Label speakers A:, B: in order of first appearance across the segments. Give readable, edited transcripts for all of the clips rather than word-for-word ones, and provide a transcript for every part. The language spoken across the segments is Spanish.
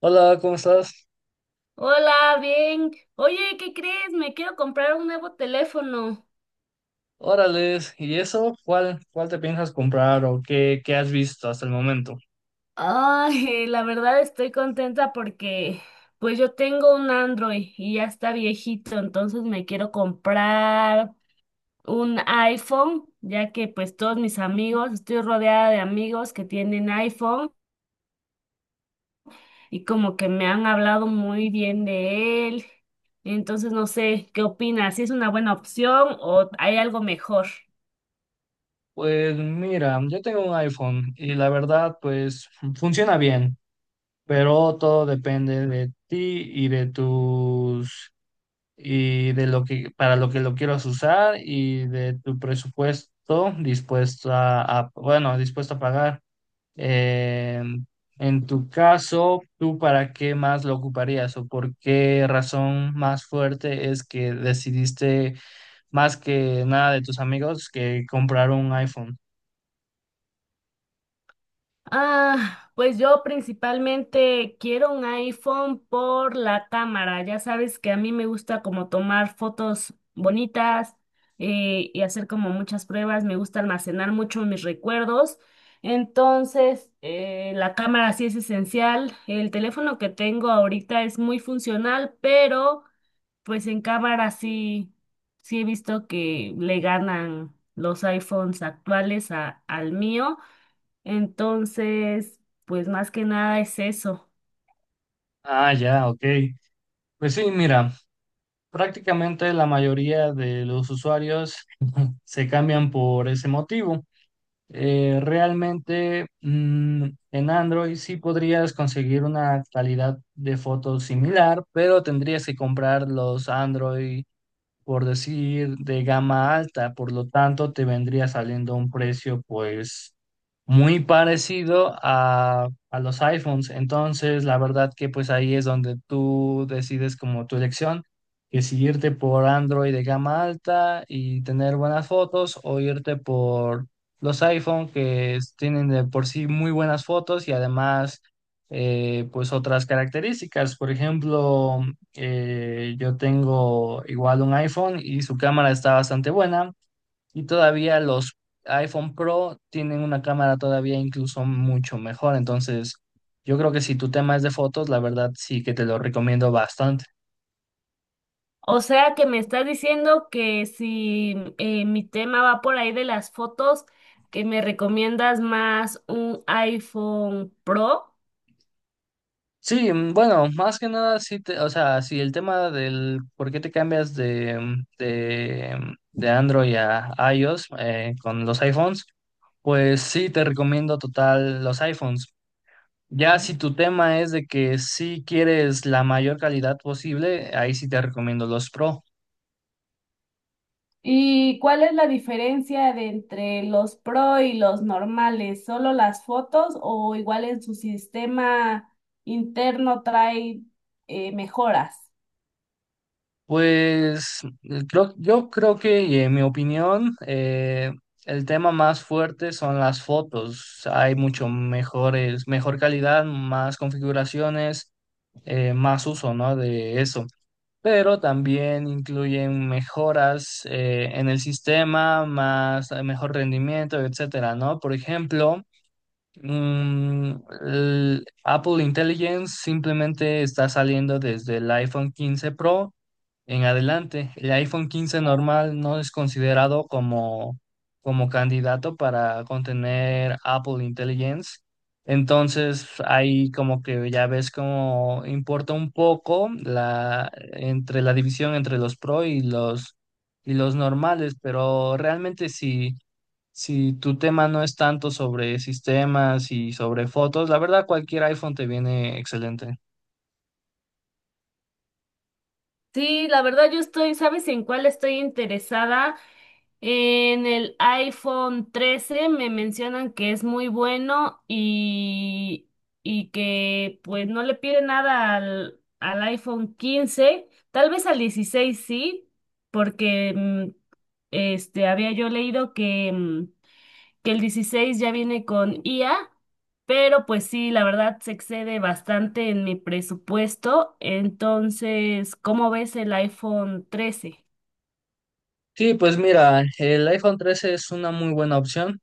A: Hola, ¿cómo estás?
B: Hola, bien. Oye, ¿qué crees? Me quiero comprar un nuevo teléfono.
A: Órales, ¿y eso? ¿Cuál te piensas comprar o qué has visto hasta el momento?
B: Ay, la verdad estoy contenta porque pues yo tengo un Android y ya está viejito, entonces me quiero comprar un iPhone, ya que pues todos mis amigos, estoy rodeada de amigos que tienen iPhone y como que me han hablado muy bien de él. Entonces no sé, ¿qué opinas? ¿Si es una buena opción o hay algo mejor?
A: Pues mira, yo tengo un iPhone y la verdad, pues funciona bien, pero todo depende de ti y de lo que para lo que lo quieras usar y de tu presupuesto dispuesto dispuesto a pagar. Eh, en tu caso, ¿tú para qué más lo ocuparías o por qué razón más fuerte es que decidiste, más que nada de tus amigos, que comprar un iPhone?
B: Ah, pues yo principalmente quiero un iPhone por la cámara. Ya sabes que a mí me gusta como tomar fotos bonitas, y hacer como muchas pruebas. Me gusta almacenar mucho mis recuerdos. Entonces, la cámara sí es esencial. El teléfono que tengo ahorita es muy funcional, pero pues en cámara sí, he visto que le ganan los iPhones actuales al mío. Entonces, pues más que nada es eso.
A: Ah, ya, ok. Pues sí, mira, prácticamente la mayoría de los usuarios se cambian por ese motivo. Realmente, en Android sí podrías conseguir una calidad de fotos similar, pero tendrías que comprar los Android, por decir, de gama alta, por lo tanto te vendría saliendo un precio pues muy parecido a los iPhones. Entonces, la verdad que pues ahí es donde tú decides como tu elección, que si irte por Android de gama alta y tener buenas fotos o irte por los iPhone tienen de por sí muy buenas fotos y además, pues otras características. Por ejemplo, yo tengo igual un iPhone y su cámara está bastante buena, y todavía los iPhone Pro tienen una cámara todavía incluso mucho mejor. Entonces, yo creo que si tu tema es de fotos, la verdad sí que te lo recomiendo bastante.
B: O sea que me estás diciendo que si mi tema va por ahí de las fotos, que me recomiendas más un iPhone Pro.
A: Sí, bueno, más que nada, o sea, si el tema del por qué te cambias de Android a iOS con los iPhones, pues sí te recomiendo total los iPhones. Ya si tu tema es de que sí quieres la mayor calidad posible, ahí sí te recomiendo los Pro.
B: ¿Y cuál es la diferencia de entre los Pro y los normales? ¿Solo las fotos o igual en su sistema interno trae mejoras?
A: Pues yo creo que, y en mi opinión, el tema más fuerte son las fotos. Hay mucho mejores, mejor calidad, más configuraciones, más uso, ¿no?, de eso. Pero también incluyen mejoras en el sistema, más, mejor rendimiento, etcétera, ¿no? Por ejemplo. Mm, el Apple Intelligence simplemente está saliendo desde el iPhone 15 Pro en adelante. El iPhone 15 normal no es considerado como, como candidato para contener Apple Intelligence. Entonces, ahí como que ya ves cómo importa un poco la, entre la división entre los Pro y y los normales, pero realmente sí. Si tu tema no es tanto sobre sistemas y sobre fotos, la verdad cualquier iPhone te viene excelente.
B: Sí, la verdad yo estoy, ¿sabes en cuál estoy interesada? En el iPhone 13 me mencionan que es muy bueno y que pues no le pide nada al iPhone 15, tal vez al 16 sí, porque este había yo leído que, que el 16 ya viene con IA, pero pues sí, la verdad se excede bastante en mi presupuesto, entonces, ¿cómo ves el iPhone 13?
A: Sí, pues mira, el iPhone 13 es una muy buena opción,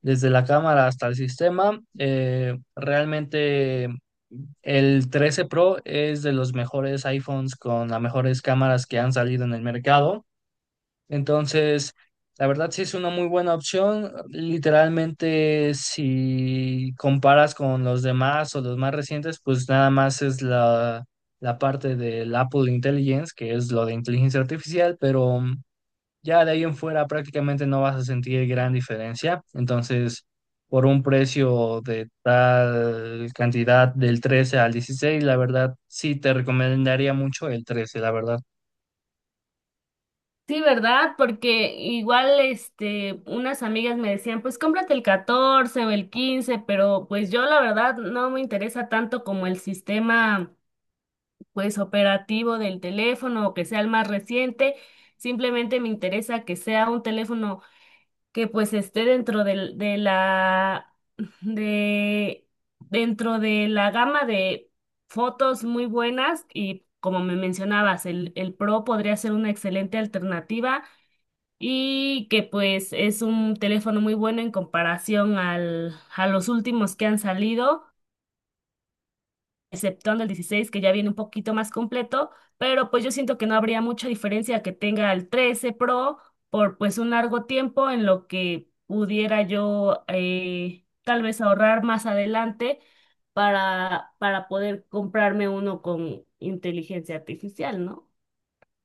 A: desde la cámara hasta el sistema. Realmente el 13 Pro es de los mejores iPhones con las mejores cámaras que han salido en el mercado. Entonces, la verdad sí es una muy buena opción. Literalmente, si comparas con los demás o los más recientes, pues nada más es la parte del Apple Intelligence, que es lo de inteligencia artificial, pero ya de ahí en fuera prácticamente no vas a sentir gran diferencia. Entonces, por un precio de tal cantidad del 13 al dieciséis, la verdad sí te recomendaría mucho el trece, la verdad.
B: Sí, ¿verdad? Porque igual, este, unas amigas me decían, pues cómprate el 14 o el 15, pero pues yo la verdad no me interesa tanto como el sistema, pues, operativo del teléfono o que sea el más reciente. Simplemente me interesa que sea un teléfono que pues esté de, dentro de la gama de fotos muy buenas y como me mencionabas, el Pro podría ser una excelente alternativa y que pues es un teléfono muy bueno en comparación a los últimos que han salido, exceptuando el 16 que ya viene un poquito más completo, pero pues yo siento que no habría mucha diferencia que tenga el 13 Pro por pues un largo tiempo en lo que pudiera yo tal vez ahorrar más adelante para poder comprarme uno con inteligencia artificial, ¿no?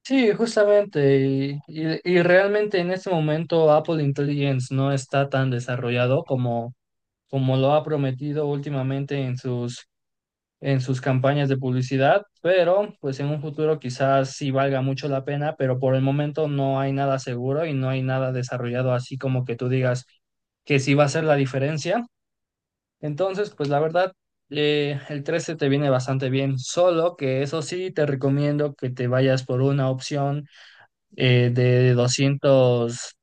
A: Sí, justamente, y realmente en este momento Apple Intelligence no está tan desarrollado como, como lo ha prometido últimamente en sus campañas de publicidad, pero pues en un futuro quizás sí valga mucho la pena, pero por el momento no hay nada seguro y no hay nada desarrollado así como que tú digas que sí va a ser la diferencia. Entonces, pues la verdad, el 13 te viene bastante bien, solo que eso sí te recomiendo que te vayas por una opción de doscientos,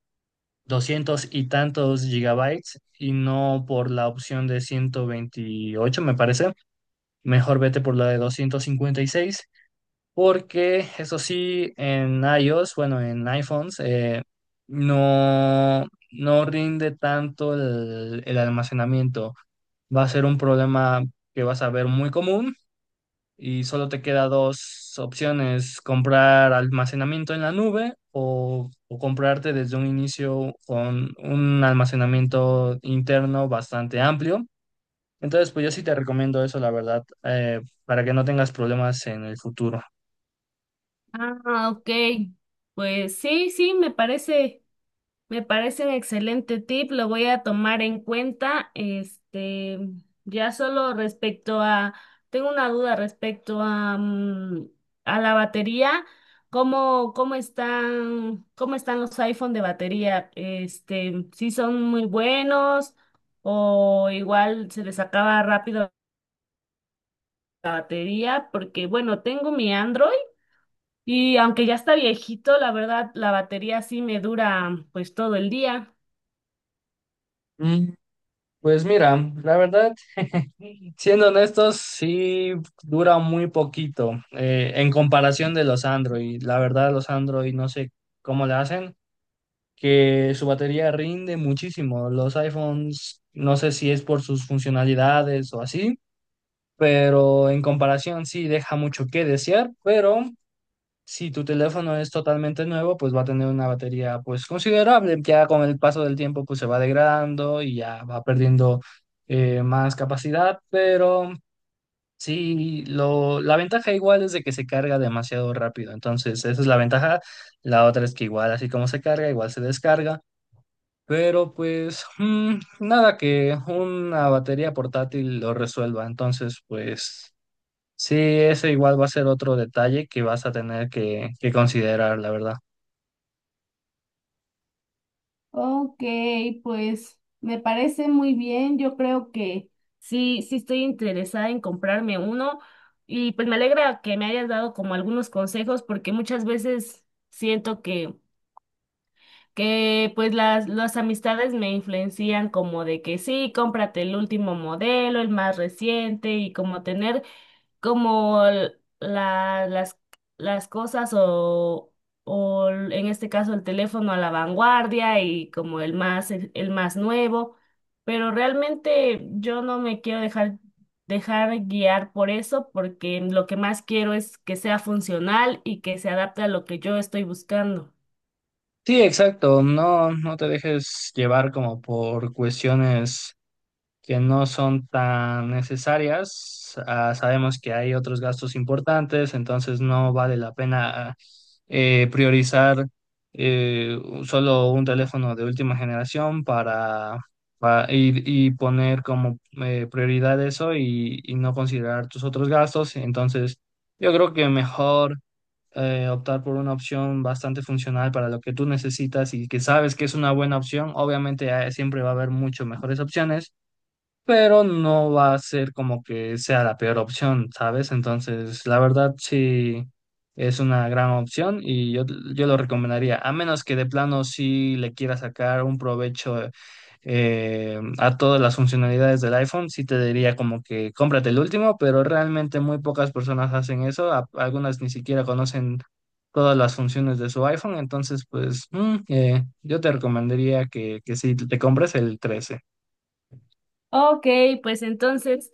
A: 200 y tantos gigabytes y no por la opción de ciento veintiocho, me parece. Mejor vete por la de doscientos cincuenta y seis, porque eso sí, en iOS, bueno, en iPhones, no rinde tanto el almacenamiento. Va a ser un problema que vas a ver muy común, y solo te queda dos opciones: comprar almacenamiento en la nube o comprarte desde un inicio con un almacenamiento interno bastante amplio. Entonces, pues yo sí te recomiendo eso, la verdad, para que no tengas problemas en el futuro.
B: Ah, ok. Pues me parece. Me parece un excelente tip, lo voy a tomar en cuenta. Este, ya solo tengo una duda respecto a, a la batería. ¿Cómo cómo están los iPhone de batería? Este, ¿si son muy buenos o igual se les acaba rápido la batería? Porque bueno, tengo mi Android y aunque ya está viejito, la verdad, la batería sí me dura pues todo el día.
A: Mm, Pues mira, la verdad, siendo honestos, sí dura muy poquito en comparación de los Android. La verdad, los Android no sé cómo le hacen, que su batería rinde muchísimo. Los iPhones, no sé si es por sus funcionalidades o así, pero en comparación sí deja mucho que desear. Pero si tu teléfono es totalmente nuevo, pues va a tener una batería pues considerable. Ya con el paso del tiempo pues se va degradando y ya va perdiendo más capacidad, pero... Sí, la ventaja igual es de que se carga demasiado rápido, entonces esa es la ventaja. La otra es que igual así como se carga, igual se descarga. Pero pues, nada que una batería portátil lo resuelva. Entonces, pues sí, ese igual va a ser otro detalle que vas a tener que considerar, la verdad.
B: Ok, pues me parece muy bien. Yo creo que sí, estoy interesada en comprarme uno y pues me alegra que me hayas dado como algunos consejos porque muchas veces siento que pues las amistades me influencian como de que sí, cómprate el último modelo, el más reciente y como tener como la- las, las cosas o en este caso el teléfono a la vanguardia y como el más, el más nuevo, pero realmente yo no me quiero dejar guiar por eso porque lo que más quiero es que sea funcional y que se adapte a lo que yo estoy buscando.
A: Sí, exacto. No, no te dejes llevar como por cuestiones que no son tan necesarias. Ah, sabemos que hay otros gastos importantes, entonces no vale la pena priorizar eh, solo un teléfono de última generación y poner como prioridad eso y no considerar tus otros gastos. Entonces, yo creo que mejor optar por una opción bastante funcional para lo que tú necesitas y que sabes que es una buena opción. Obviamente, siempre va a haber mucho mejores opciones, pero no va a ser como que sea la peor opción, ¿sabes? Entonces, la verdad sí es una gran opción y yo lo recomendaría, a menos que de plano sí le quiera sacar un provecho a todas las funcionalidades del iPhone. Sí te diría como que cómprate el último, pero realmente muy pocas personas hacen eso. Algunas ni siquiera conocen todas las funciones de su iPhone, entonces pues, yo te recomendaría que sí te compres el 13.
B: Ok, pues entonces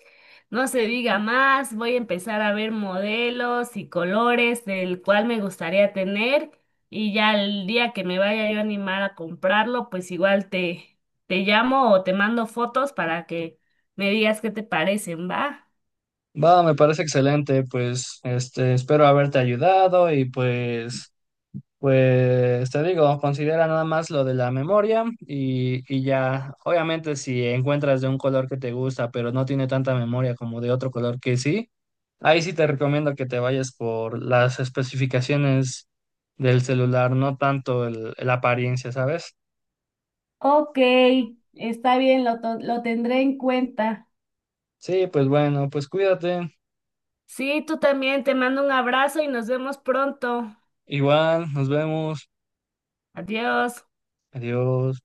B: no se diga más, voy a empezar a ver modelos y colores del cual me gustaría tener y ya el día que me vaya yo a animar a comprarlo, pues igual te llamo o te mando fotos para que me digas qué te parecen, ¿va?
A: Va, me parece excelente, pues este, espero haberte ayudado, y pues, pues te digo, considera nada más lo de la memoria, y ya, obviamente si encuentras de un color que te gusta, pero no tiene tanta memoria como de otro color que sí, ahí sí te recomiendo que te vayas por las especificaciones del celular, no tanto la apariencia, ¿sabes?
B: Ok, está bien, lo tendré en cuenta.
A: Sí, pues bueno, pues cuídate,
B: Sí, tú también, te mando un abrazo y nos vemos pronto.
A: igual, nos vemos,
B: Adiós.
A: adiós.